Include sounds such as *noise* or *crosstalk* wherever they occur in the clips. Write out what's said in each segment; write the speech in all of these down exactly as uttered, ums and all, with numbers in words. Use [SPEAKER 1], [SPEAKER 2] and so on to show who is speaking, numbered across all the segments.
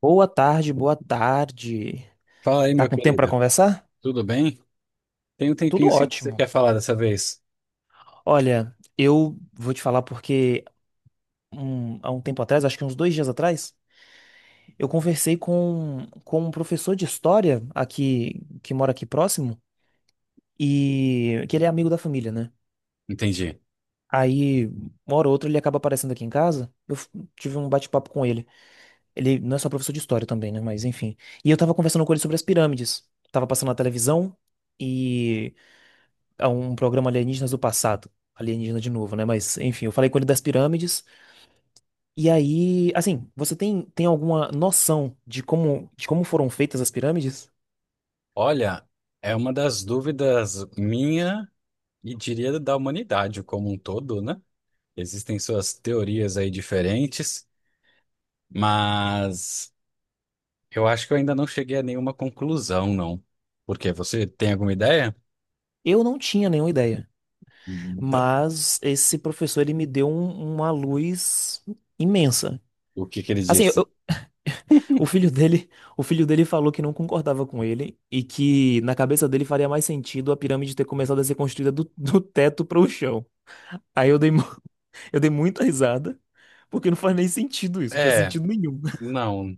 [SPEAKER 1] Boa tarde, boa tarde.
[SPEAKER 2] Fala aí,
[SPEAKER 1] Tá
[SPEAKER 2] meu
[SPEAKER 1] com tempo para
[SPEAKER 2] querido.
[SPEAKER 1] conversar?
[SPEAKER 2] Tudo bem? Tem um tempinho
[SPEAKER 1] Tudo
[SPEAKER 2] sim que você
[SPEAKER 1] ótimo.
[SPEAKER 2] quer falar dessa vez.
[SPEAKER 1] Olha, eu vou te falar porque um- há um tempo atrás, acho que uns dois dias atrás, eu conversei com, com um professor de história aqui que mora aqui próximo e que ele é amigo da família, né?
[SPEAKER 2] Entendi.
[SPEAKER 1] Aí, uma hora ou outra, ele acaba aparecendo aqui em casa. Eu f- tive um bate-papo com ele. Ele não é só professor de história também, né? Mas enfim. E eu tava conversando com ele sobre as pirâmides. Tava passando na televisão. A um programa Alienígenas do Passado. Alienígena de novo, né? Mas, enfim, eu falei com ele das pirâmides. E aí, assim, você tem, tem alguma noção de como, de como foram feitas as pirâmides?
[SPEAKER 2] Olha, é uma das dúvidas minha e diria da humanidade como um todo, né? Existem suas teorias aí diferentes, mas eu acho que eu ainda não cheguei a nenhuma conclusão, não. Por quê? Você tem alguma ideia
[SPEAKER 1] Eu não tinha nenhuma ideia.
[SPEAKER 2] da-
[SPEAKER 1] Mas esse professor, ele me deu um- uma luz imensa.
[SPEAKER 2] do que que ele
[SPEAKER 1] Assim, eu-
[SPEAKER 2] disse?
[SPEAKER 1] eu- o filho dele, o filho dele falou que não concordava com ele e que na cabeça dele faria mais sentido a pirâmide ter começado a ser construída do, do teto para o chão. Aí eu dei Eu dei muita risada, porque não faz nem sentido isso, não faz
[SPEAKER 2] É,
[SPEAKER 1] sentido nenhum. *laughs*
[SPEAKER 2] não,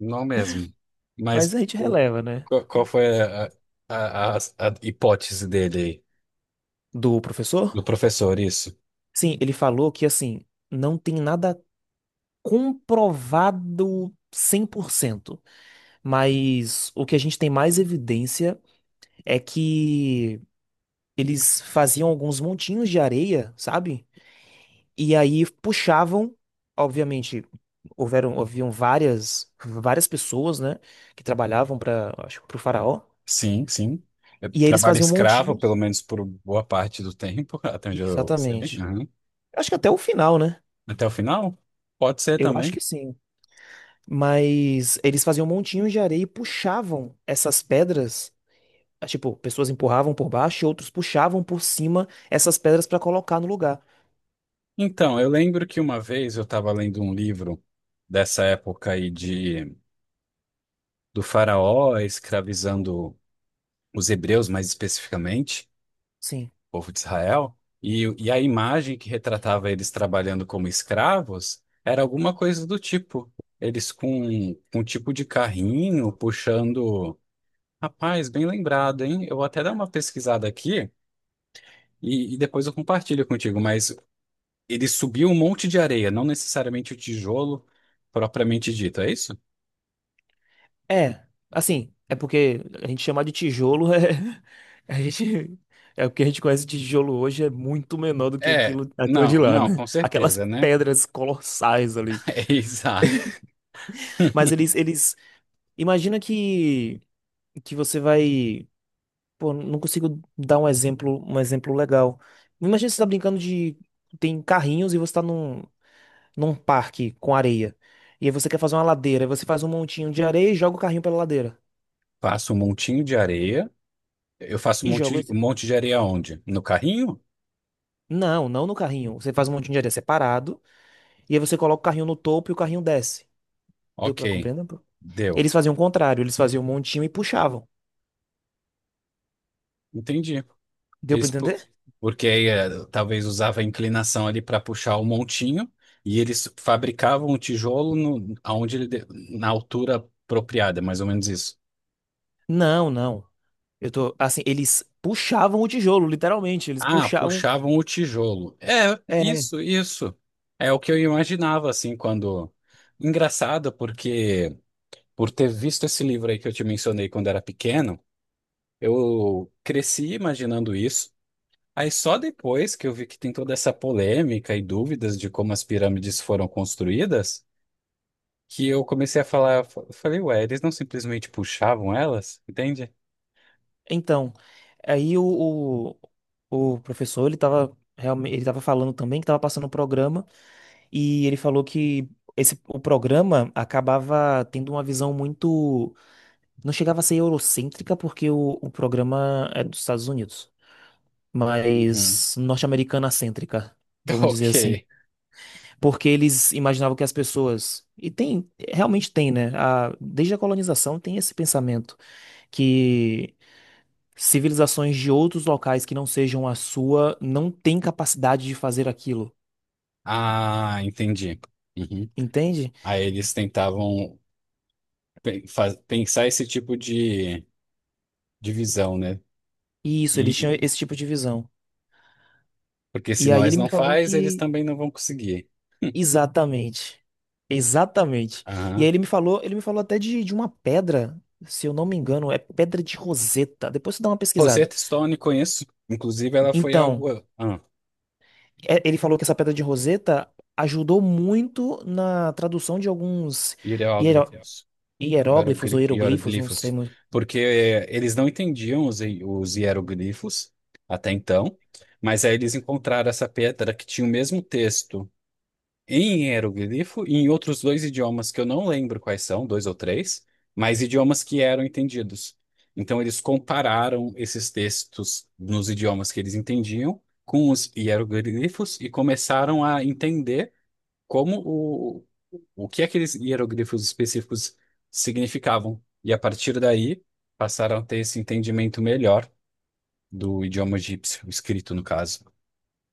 [SPEAKER 2] não mesmo.
[SPEAKER 1] Mas
[SPEAKER 2] Mas
[SPEAKER 1] a gente
[SPEAKER 2] o-
[SPEAKER 1] releva, né?
[SPEAKER 2] qual qual foi a, a, a, a hipótese dele aí?
[SPEAKER 1] Do professor?
[SPEAKER 2] Do professor, isso.
[SPEAKER 1] Sim, ele falou que, assim, não tem nada comprovado cem por cento, mas o que a gente tem mais evidência é que eles faziam alguns montinhos de areia, sabe? E aí puxavam, obviamente, houveram, haviam várias, várias pessoas, né, que trabalhavam para, acho, para o faraó,
[SPEAKER 2] Sim, sim. Eu
[SPEAKER 1] e aí eles
[SPEAKER 2] trabalho
[SPEAKER 1] faziam
[SPEAKER 2] escravo, pelo
[SPEAKER 1] montinhos.
[SPEAKER 2] menos por boa parte do tempo, *laughs* até onde eu sei.
[SPEAKER 1] Exatamente.
[SPEAKER 2] Uhum.
[SPEAKER 1] Acho que até o final, né?
[SPEAKER 2] Até o final? Pode ser
[SPEAKER 1] Eu acho
[SPEAKER 2] também.
[SPEAKER 1] que sim. Mas eles faziam montinhos de areia e puxavam essas pedras. Ah, tipo, pessoas empurravam por baixo e outros puxavam por cima essas pedras pra colocar no lugar.
[SPEAKER 2] Então, eu lembro que uma vez eu estava lendo um livro dessa época aí de, do faraó escravizando os hebreus, mais especificamente,
[SPEAKER 1] Sim.
[SPEAKER 2] o povo de Israel, e, e a imagem que retratava eles trabalhando como escravos era alguma coisa do tipo. Eles com, com um tipo de carrinho puxando. Rapaz, bem lembrado, hein? Eu vou até dar uma pesquisada aqui e, e depois eu compartilho contigo, mas ele subiu um monte de areia, não necessariamente o tijolo propriamente dito, é isso?
[SPEAKER 1] É. Assim, é porque a gente chamar de tijolo é. *laughs* A gente. É o que a gente conhece de tijolo hoje é muito menor do que
[SPEAKER 2] É,
[SPEAKER 1] aquilo, aquilo de
[SPEAKER 2] não,
[SPEAKER 1] lá,
[SPEAKER 2] não,
[SPEAKER 1] né?
[SPEAKER 2] com
[SPEAKER 1] Aquelas
[SPEAKER 2] certeza, né?
[SPEAKER 1] pedras colossais ali.
[SPEAKER 2] *laughs* É exato.
[SPEAKER 1] Mas eles, eles. Imagina que, que você vai. Pô, não consigo dar um exemplo, um exemplo legal. Imagina você tá brincando de. Tem carrinhos e você tá num, num parque com areia. E aí você quer fazer uma ladeira. Aí você faz um montinho de areia e joga o carrinho pela ladeira.
[SPEAKER 2] Faço um montinho de areia. Eu faço um
[SPEAKER 1] E joga
[SPEAKER 2] monte,
[SPEAKER 1] esse.
[SPEAKER 2] um monte de areia onde? No carrinho?
[SPEAKER 1] Não, não no carrinho. Você faz um montinho de areia separado. E aí você coloca o carrinho no topo e o carrinho desce. Deu
[SPEAKER 2] Ok,
[SPEAKER 1] pra compreender, pô?
[SPEAKER 2] deu.
[SPEAKER 1] Eles faziam o contrário. Eles faziam um montinho e puxavam.
[SPEAKER 2] Entendi.
[SPEAKER 1] Deu pra
[SPEAKER 2] Eles, pu-
[SPEAKER 1] entender?
[SPEAKER 2] porque aí eh, talvez usava a inclinação ali para puxar o montinho e eles fabricavam o tijolo no, aonde ele de- na altura apropriada, mais ou menos isso.
[SPEAKER 1] Não, não. Eu tô. Assim, eles puxavam o tijolo, literalmente. Eles
[SPEAKER 2] Ah,
[SPEAKER 1] puxavam.
[SPEAKER 2] puxavam o tijolo. É,
[SPEAKER 1] É.
[SPEAKER 2] isso, isso. É o que eu imaginava assim quando engraçado porque por ter visto esse livro aí que eu te mencionei quando era pequeno, eu cresci imaginando isso. Aí só depois que eu vi que tem toda essa polêmica e dúvidas de como as pirâmides foram construídas, que eu comecei a falar, fa- falei, ué, eles não simplesmente puxavam elas, entende?
[SPEAKER 1] Então, aí o, o, o professor, ele tava, realmente, ele tava falando também que tava passando o programa e ele falou que esse, o programa acabava tendo uma visão muito... Não chegava a ser eurocêntrica porque o, o programa é dos Estados Unidos,
[SPEAKER 2] Uhum.
[SPEAKER 1] mas norte-americana cêntrica,
[SPEAKER 2] *laughs*
[SPEAKER 1] vamos dizer assim.
[SPEAKER 2] Ok.
[SPEAKER 1] Porque eles imaginavam que as pessoas... E tem, realmente tem, né? A, desde a colonização tem esse pensamento que civilizações de outros locais que não sejam a sua não têm capacidade de fazer aquilo,
[SPEAKER 2] Ah, entendi. Uhum.
[SPEAKER 1] entende?
[SPEAKER 2] Aí eles tentavam pe- fa- pensar esse tipo de divisão, né?
[SPEAKER 1] E isso, eles
[SPEAKER 2] E, e-
[SPEAKER 1] tinham esse tipo de visão.
[SPEAKER 2] porque se
[SPEAKER 1] E aí
[SPEAKER 2] nós
[SPEAKER 1] ele
[SPEAKER 2] não
[SPEAKER 1] me falou
[SPEAKER 2] faz, eles
[SPEAKER 1] que
[SPEAKER 2] também não vão conseguir.
[SPEAKER 1] exatamente, exatamente. E aí
[SPEAKER 2] Aham.
[SPEAKER 1] ele me falou, ele me falou até de, de uma pedra, se eu não me engano, é pedra de Roseta. Depois você dá uma pesquisada.
[SPEAKER 2] Rosetta Stone conheço. Inclusive, ela foi algo.
[SPEAKER 1] Então,
[SPEAKER 2] Ah,
[SPEAKER 1] é- ele falou que essa pedra de Roseta ajudou muito na tradução de alguns hiero-
[SPEAKER 2] hidrógrafos.
[SPEAKER 1] hieróglifos ou
[SPEAKER 2] Hierogli-
[SPEAKER 1] hieroglifos, não sei.
[SPEAKER 2] hieroglifos, porque eh, eles não entendiam os, hi- os hieroglifos até então, mas aí eles encontraram essa pedra que tinha o mesmo texto em hieroglifo e em outros dois idiomas que eu não lembro quais são, dois ou três, mas idiomas que eram entendidos. Então eles compararam esses textos nos idiomas que eles entendiam com os hieroglifos e começaram a entender como o, o que aqueles hieróglifos específicos significavam. E a partir daí, passaram a ter esse entendimento melhor do idioma egípcio, escrito no caso.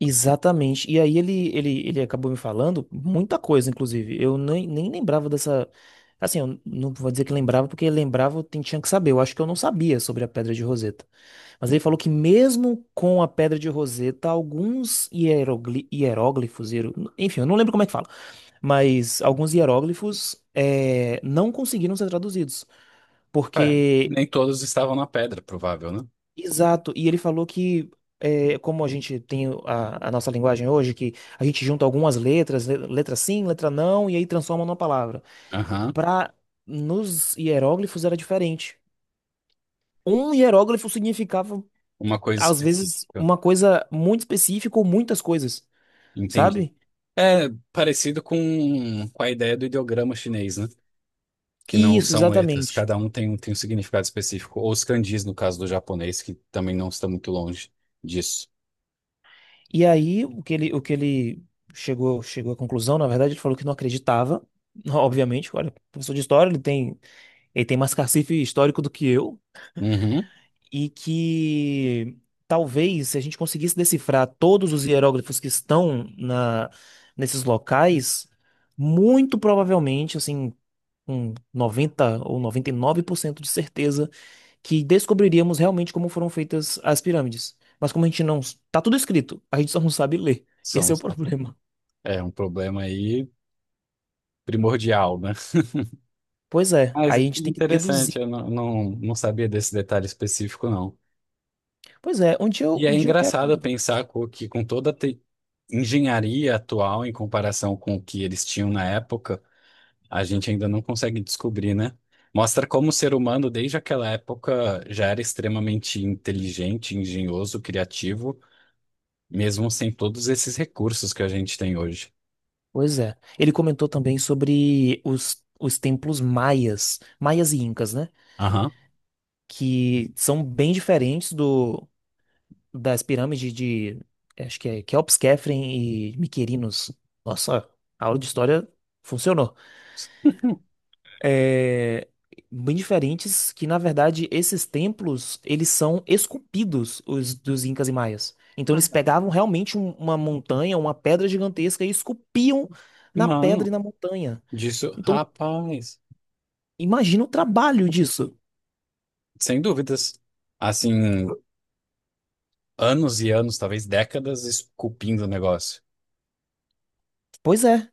[SPEAKER 1] Exatamente. E aí ele, ele, ele acabou me falando muita coisa, inclusive. Eu nem, nem lembrava dessa. Assim, eu não vou dizer que lembrava, porque lembrava eu tin- tinha que saber. Eu acho que eu não sabia sobre a pedra de Roseta. Mas ele falou que mesmo com a pedra de Roseta, alguns hierogli- hieróglifos, hiero- enfim, eu não lembro como é que fala, mas alguns hieróglifos eh, não conseguiram ser traduzidos.
[SPEAKER 2] É,
[SPEAKER 1] Porque
[SPEAKER 2] nem todos estavam na pedra, provável, né?
[SPEAKER 1] exato, e ele falou que, eh, como a gente tem a, a nossa linguagem hoje, que a gente junta algumas letras, le- letra sim, letra não, e aí transforma numa palavra.
[SPEAKER 2] Aham,
[SPEAKER 1] Para nos hieróglifos era diferente. Um hieróglifo significava,
[SPEAKER 2] uma coisa
[SPEAKER 1] às
[SPEAKER 2] específica.
[SPEAKER 1] vezes, uma coisa muito específica ou muitas coisas,
[SPEAKER 2] Entendi.
[SPEAKER 1] sabe?
[SPEAKER 2] É parecido com, com a ideia do ideograma chinês, né? Que não
[SPEAKER 1] Isso,
[SPEAKER 2] são letras,
[SPEAKER 1] exatamente.
[SPEAKER 2] cada um tem, um- tem um significado específico. Ou os kanjis, no caso do japonês, que também não está muito longe disso.
[SPEAKER 1] E aí, o que ele, o que ele chegou, chegou à conclusão, na verdade, ele falou que não acreditava, *laughs* obviamente, olha, professor de história, ele tem, ele tem mais cacife histórico do que eu,
[SPEAKER 2] Uhum,
[SPEAKER 1] e que talvez se a gente conseguisse decifrar todos os hieróglifos que estão na, nesses locais, muito provavelmente, assim, com noventa ou noventa e nove por cento de certeza, que descobriríamos realmente como foram feitas as pirâmides. Mas como a gente não... Tá tudo escrito, a gente só não sabe ler. Esse
[SPEAKER 2] são.
[SPEAKER 1] é o *laughs* problema.
[SPEAKER 2] É um problema aí primordial, né?
[SPEAKER 1] Pois é,
[SPEAKER 2] Mas
[SPEAKER 1] aí a
[SPEAKER 2] que
[SPEAKER 1] gente tem que
[SPEAKER 2] interessante,
[SPEAKER 1] deduzir.
[SPEAKER 2] eu não, não, não sabia desse detalhe específico, não.
[SPEAKER 1] Pois é, um dia eu,
[SPEAKER 2] E
[SPEAKER 1] um
[SPEAKER 2] é
[SPEAKER 1] dia eu quero.
[SPEAKER 2] engraçado pensar co- que com toda a te- engenharia atual em comparação com o que eles tinham na época, a gente ainda não consegue descobrir, né? Mostra como o ser humano, desde aquela época, já era extremamente inteligente, engenhoso, criativo, mesmo sem todos esses recursos que a gente tem hoje.
[SPEAKER 1] Pois é. Ele comentou também sobre os, os templos maias, maias e incas, né?
[SPEAKER 2] Aham.
[SPEAKER 1] Que são bem diferentes do das pirâmides de, eh, acho que é Keops, Khafre e Miquerinos. Nossa, a aula de história funcionou. É, bem diferentes que, na verdade, esses templos, eles são esculpidos, os dos Incas e Maias. Então eles pegavam realmente um- uma montanha, uma pedra gigantesca e esculpiam na pedra e
[SPEAKER 2] Mano,
[SPEAKER 1] na montanha.
[SPEAKER 2] disso,
[SPEAKER 1] Então,
[SPEAKER 2] rapaz.
[SPEAKER 1] imagina o trabalho disso.
[SPEAKER 2] Sem dúvidas. Assim, anos e anos, talvez décadas, esculpindo o negócio.
[SPEAKER 1] Pois é.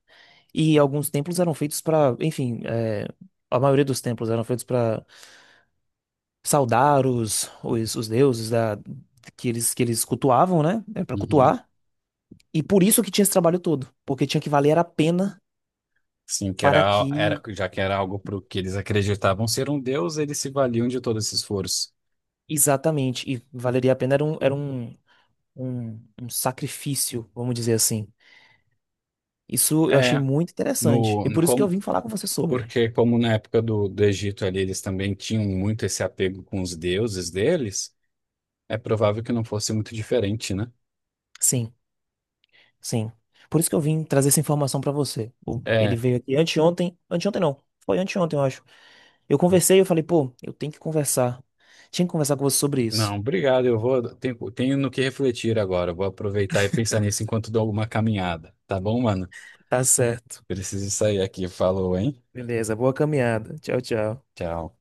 [SPEAKER 1] E alguns templos eram feitos para, enfim, é, a maioria dos templos eram feitos para saudar os, os, os deuses da, que eles, que eles cultuavam, né? Para
[SPEAKER 2] Uhum.
[SPEAKER 1] cultuar. E por isso que tinha esse trabalho todo, porque tinha que valer a pena
[SPEAKER 2] Sim, que
[SPEAKER 1] para
[SPEAKER 2] era, era,
[SPEAKER 1] que,
[SPEAKER 2] já que era algo para o que eles acreditavam ser um deus, eles se valiam de todo esse esforço.
[SPEAKER 1] exatamente, e valeria a pena era um, era um, um, um sacrifício, vamos dizer assim. Isso eu achei
[SPEAKER 2] É,
[SPEAKER 1] muito interessante.
[SPEAKER 2] no,
[SPEAKER 1] E
[SPEAKER 2] no
[SPEAKER 1] por isso que eu
[SPEAKER 2] como,
[SPEAKER 1] vim falar com você sobre.
[SPEAKER 2] porque como na época do, do Egito ali, eles também tinham muito esse apego com os deuses deles, é provável que não fosse muito diferente, né?
[SPEAKER 1] Sim, sim. Por isso que eu vim trazer essa informação para você. O- Ele
[SPEAKER 2] É,
[SPEAKER 1] veio aqui anteontem, anteontem não, foi anteontem, eu acho. Eu
[SPEAKER 2] vo-
[SPEAKER 1] conversei, eu falei, pô, eu tenho que conversar. Tinha que conversar com você sobre isso.
[SPEAKER 2] não, obrigado, eu vou, tenho, tenho no que refletir agora, vou aproveitar e pensar nisso enquanto dou alguma caminhada, tá bom, mano?
[SPEAKER 1] Tá certo.
[SPEAKER 2] Preciso sair aqui. Falou, hein?
[SPEAKER 1] Beleza, boa caminhada. Tchau, tchau.
[SPEAKER 2] Tchau.